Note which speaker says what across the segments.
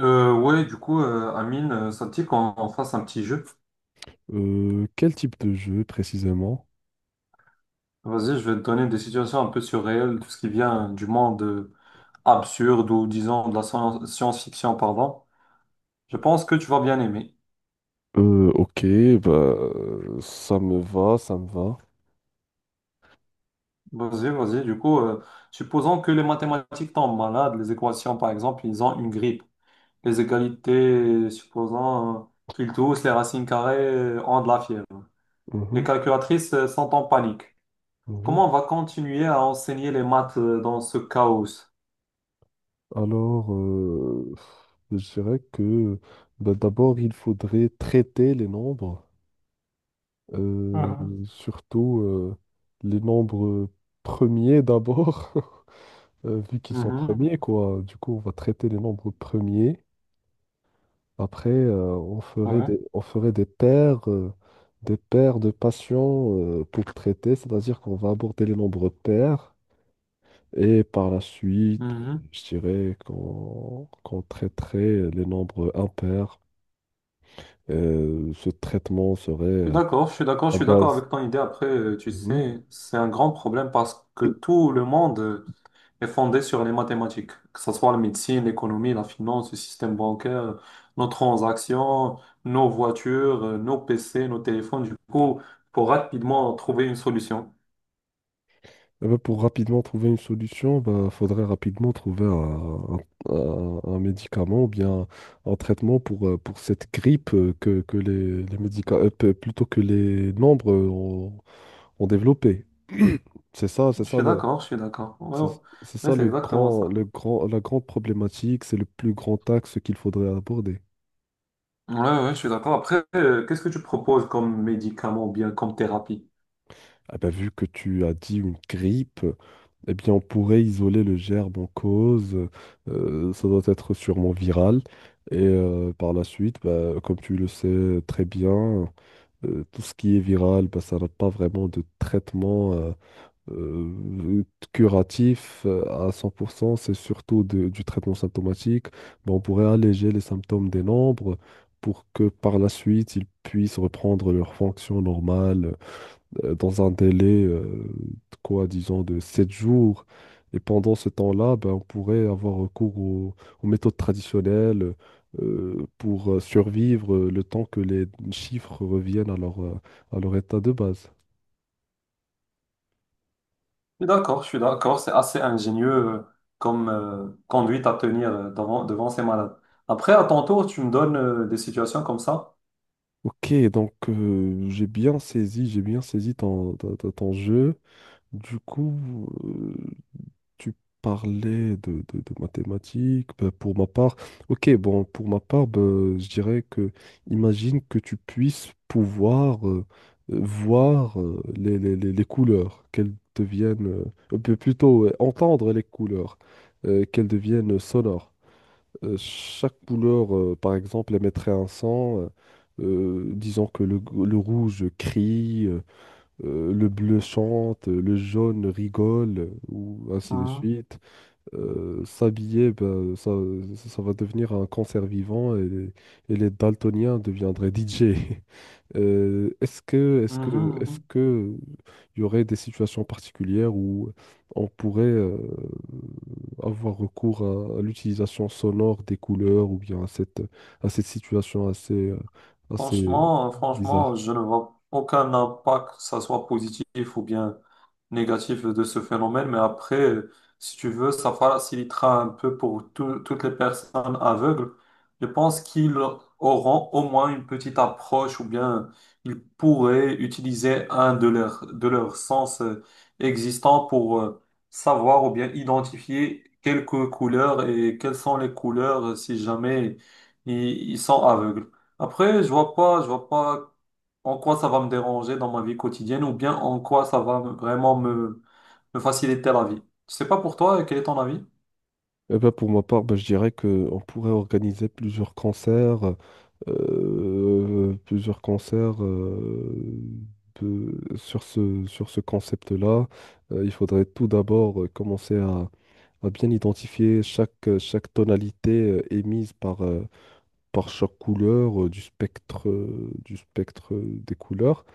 Speaker 1: Amine, ça te dit qu'on on fasse un petit jeu?
Speaker 2: Quel type de jeu précisément?
Speaker 1: Vas-y, je vais te donner des situations un peu surréelles, tout ce qui vient du monde absurde, ou disons de la science-fiction, pardon. Je pense que tu vas bien aimer.
Speaker 2: Ok, ça me va, ça me va.
Speaker 1: Vas-y, vas-y. Supposons que les mathématiques tombent malades, les équations, par exemple, ils ont une grippe. Les égalités, supposons, qu'ils tous, les racines carrées, ont de la fièvre. Les
Speaker 2: Mhm,
Speaker 1: calculatrices sont en panique.
Speaker 2: mhm.
Speaker 1: Comment on va continuer à enseigner les maths dans ce chaos?
Speaker 2: Alors, euh, je dirais que bah, d'abord, il faudrait traiter les nombres, euh, surtout les nombres premiers d'abord, vu qu'ils sont
Speaker 1: Mhm,
Speaker 2: premiers, quoi. Du coup, on va traiter les nombres premiers. Après, on ferait
Speaker 1: ouais,
Speaker 2: on ferait des paires de patients pour traiter, c'est-à-dire qu'on va aborder les nombres pairs et par la suite,
Speaker 1: mhm.
Speaker 2: je dirais qu'on traiterait les nombres impairs. Ce traitement serait
Speaker 1: Je suis d'accord, je suis d'accord, je
Speaker 2: à
Speaker 1: suis d'accord
Speaker 2: base.
Speaker 1: avec ton idée. Après, tu
Speaker 2: Mhm.
Speaker 1: sais, c'est un grand problème parce que tout le monde est fondé sur les mathématiques, que ce soit la médecine, l'économie, la finance, le système bancaire, nos transactions, nos voitures, nos PC, nos téléphones. Du coup, faut rapidement trouver une solution.
Speaker 2: Eh ben, pour rapidement trouver une solution, il faudrait rapidement trouver un médicament ou bien un traitement pour cette grippe les plutôt que les membres ont développé. C'est ça, c'est
Speaker 1: Je
Speaker 2: ça
Speaker 1: suis
Speaker 2: le,
Speaker 1: d'accord, je suis d'accord. Ouais,
Speaker 2: c'est
Speaker 1: ouais.
Speaker 2: c'est
Speaker 1: Ouais,
Speaker 2: ça
Speaker 1: c'est exactement ça.
Speaker 2: le grand, la grande problématique, c'est le plus grand axe qu'il faudrait aborder.
Speaker 1: Ouais, ouais, je suis d'accord. Après, qu'est-ce que tu proposes comme médicament ou bien comme thérapie?
Speaker 2: Ah ben, vu que tu as dit une grippe, eh bien, on pourrait isoler le gerbe en cause. Ça doit être sûrement viral. Et par la suite, bah, comme tu le sais très bien, tout ce qui est viral, bah, ça n'a pas vraiment de traitement euh, curatif à 100%. C'est surtout du traitement symptomatique. Bah, on pourrait alléger les symptômes des nombres pour que par la suite, ils puissent reprendre leur fonction normale dans un délai, de quoi, disons, de 7 jours. Et pendant ce temps-là, ben, on pourrait avoir recours aux méthodes traditionnelles pour survivre le temps que les chiffres reviennent à à leur état de base.
Speaker 1: Je suis d'accord, je suis d'accord. C'est assez ingénieux comme conduite à tenir devant, devant ces malades. Après, à ton tour, tu me donnes des situations comme ça.
Speaker 2: Ok, donc j'ai bien saisi ton jeu. Du coup, euh, tu parlais de, de mathématiques. Ben, pour ma part, ok, bon, pour ma part, ben, je dirais que, imagine que tu puisses pouvoir voir les couleurs, qu'elles deviennent, ou bien plutôt entendre les couleurs, qu'elles deviennent sonores. Chaque couleur, par exemple, émettrait un son. Disons que le rouge crie, le bleu chante, le jaune rigole, ou ainsi de
Speaker 1: Mhm,
Speaker 2: suite s'habiller, ben, ça va devenir un cancer vivant et les daltoniens deviendraient DJ.
Speaker 1: mhm,
Speaker 2: Est-ce
Speaker 1: mhm.
Speaker 2: que il y aurait des situations particulières où on pourrait avoir recours à l'utilisation sonore des couleurs ou bien à à cette situation assez
Speaker 1: Franchement, franchement,
Speaker 2: bizarre?
Speaker 1: je ne vois aucun impact, que ça soit positif ou bien négatif de ce phénomène, mais après, si tu veux, ça facilitera un peu pour toutes les personnes aveugles. Je pense qu'ils auront au moins une petite approche ou bien ils pourraient utiliser un de leurs sens existants pour savoir ou bien identifier quelques couleurs et quelles sont les couleurs si jamais ils sont aveugles. Après, je vois pas en quoi ça va me déranger dans ma vie quotidienne ou bien en quoi ça va vraiment me, me faciliter la vie. Je sais pas pour toi, quel est ton avis?
Speaker 2: Eh ben, pour ma part, ben, je dirais qu'on pourrait organiser plusieurs concerts sur ce concept-là. Il faudrait tout d'abord commencer à bien identifier chaque tonalité émise par chaque couleur du spectre des couleurs.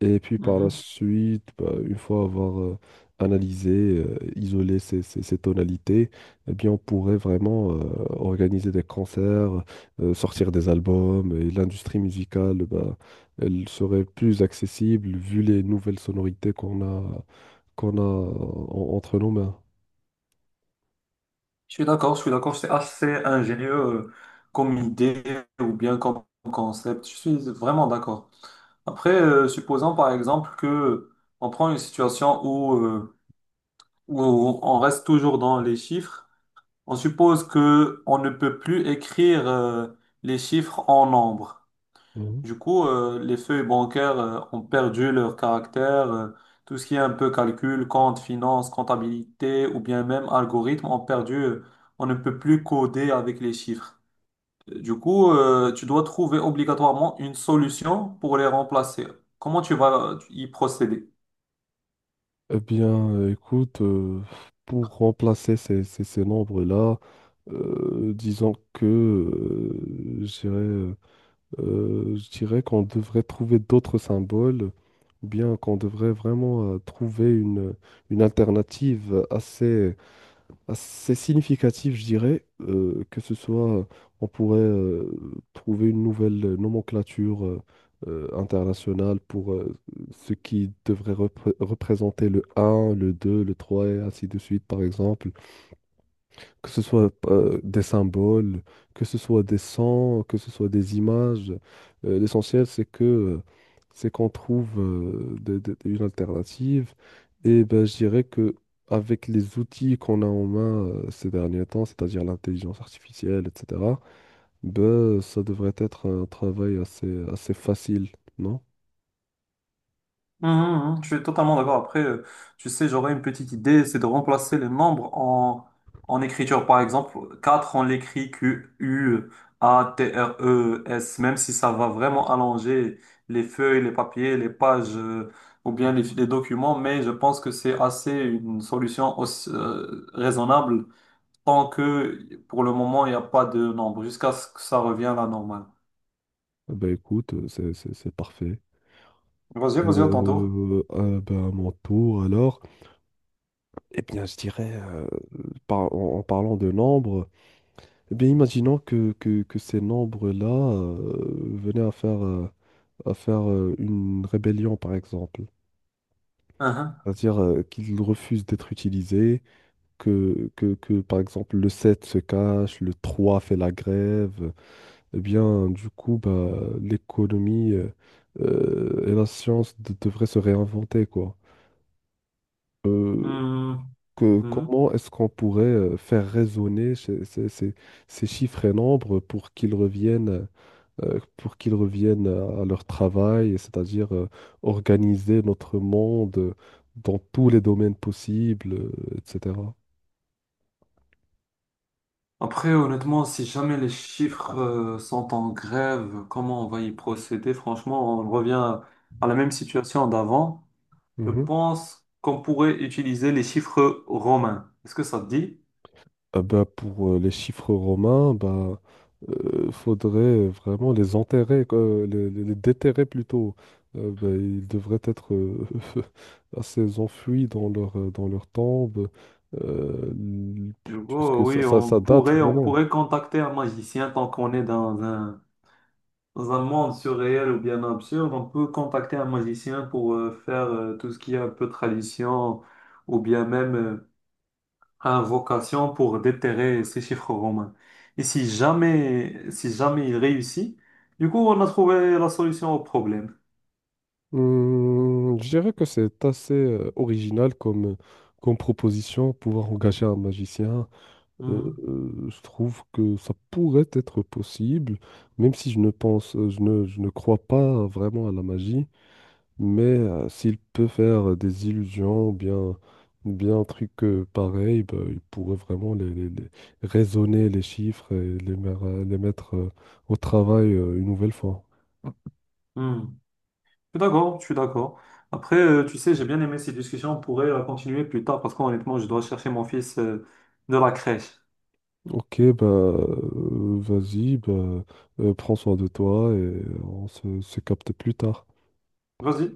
Speaker 2: Et puis par la
Speaker 1: Mhm.
Speaker 2: suite, bah, une fois avoir analysé, isolé ces tonalités, eh bien, on pourrait vraiment organiser des concerts, sortir des albums, et l'industrie musicale, bah, elle serait plus accessible vu les nouvelles sonorités qu'on a entre nos mains.
Speaker 1: Je suis d'accord, c'est assez ingénieux comme idée ou bien comme concept. Je suis vraiment d'accord. Après, supposons par exemple que on prend une situation où, où on reste toujours dans les chiffres, on suppose que on ne peut plus écrire les chiffres en nombre.
Speaker 2: Mhm.
Speaker 1: Du coup, les feuilles bancaires ont perdu leur caractère. Tout ce qui est un peu calcul, compte, finance, comptabilité ou bien même algorithme ont perdu. On ne peut plus coder avec les chiffres. Du coup, tu dois trouver obligatoirement une solution pour les remplacer. Comment tu vas y procéder?
Speaker 2: Eh bien, écoute, pour remplacer ces nombres-là, disons que, je dirais qu'on devrait trouver d'autres symboles, ou bien qu'on devrait vraiment trouver une alternative assez significative, je dirais, que ce soit, on pourrait trouver une nouvelle nomenclature internationale pour ce qui devrait représenter le un, le 2, le 3 et ainsi de suite, par exemple que ce soit des symboles, que ce soit des sons, que ce soit des images. L'essentiel, c'est que c'est qu'on trouve une alternative. Et ben, je dirais que avec les outils qu'on a en main ces derniers temps, c'est-à-dire l'intelligence artificielle, etc., ben, ça devrait être un travail assez facile, non?
Speaker 1: Mhm, mhm, je suis totalement d'accord. Après, tu sais, j'aurais une petite idée, c'est de remplacer les membres en, en écriture. Par exemple, 4 on l'écrit Q, U, A, T, R, E, S, même si ça va vraiment allonger les feuilles, les papiers, les pages, ou bien les documents, mais je pense que c'est assez une solution aussi, raisonnable tant que pour le moment, il n'y a pas de nombre, jusqu'à ce que ça revienne à la normale.
Speaker 2: Ben écoute, c'est c'est parfait.
Speaker 1: Vas-y, vas-y, à ton tour.
Speaker 2: Ben, à mon tour, alors. Eh bien, je dirais, en parlant de nombres, eh bien, imaginons que ces nombres-là venaient à à faire une rébellion, par exemple.
Speaker 1: Mhm.
Speaker 2: C'est-à-dire qu'ils refusent d'être utilisés, que, par exemple, le 7 se cache, le 3 fait la grève. Eh bien, du coup, bah, l'économie et la science devraient se réinventer, quoi. Euh, que
Speaker 1: Mhm.
Speaker 2: Comment est-ce qu'on pourrait faire résonner ces chiffres et nombres pour qu'ils reviennent à leur travail, et c'est-à-dire organiser notre monde dans tous les domaines possibles, etc.
Speaker 1: Après, honnêtement, si jamais les chiffres sont en grève, comment on va y procéder? Franchement, on revient à la même situation d'avant. Je pense qu'on pourrait utiliser les chiffres romains. Est-ce que ça te dit?
Speaker 2: Ah bah, pour les chiffres romains, bah, faudrait vraiment les enterrer, quoi, les déterrer plutôt. Bah, ils devraient être assez enfuis dans dans leur tombe, euh, l-
Speaker 1: Du coup,
Speaker 2: puisque
Speaker 1: oui,
Speaker 2: ça date
Speaker 1: on
Speaker 2: vraiment.
Speaker 1: pourrait contacter un magicien tant qu'on est dans un monde surréel ou bien absurde. On peut contacter un magicien pour faire tout ce qui est un peu tradition ou bien même a vocation pour déterrer ces chiffres romains. Et si jamais, si jamais il réussit, du coup, on a trouvé la solution au problème.
Speaker 2: Je dirais que c'est assez original comme, comme proposition, pouvoir engager un magicien.
Speaker 1: Mhm.
Speaker 2: Je trouve que ça pourrait être possible, même si je ne pense, je ne crois pas vraiment à la magie, mais s'il peut faire des illusions, ou bien un truc pareil, bah, il pourrait vraiment raisonner les chiffres et les mettre au travail une nouvelle fois.
Speaker 1: Mhm. Je suis d'accord, je suis d'accord. Après, tu sais, j'ai bien aimé cette discussion. On pourrait la continuer plus tard parce qu'honnêtement, je dois chercher mon fils de la crèche.
Speaker 2: Ok, bah, vas-y, bah, prends soin de toi et on se capte plus tard.
Speaker 1: Vas-y.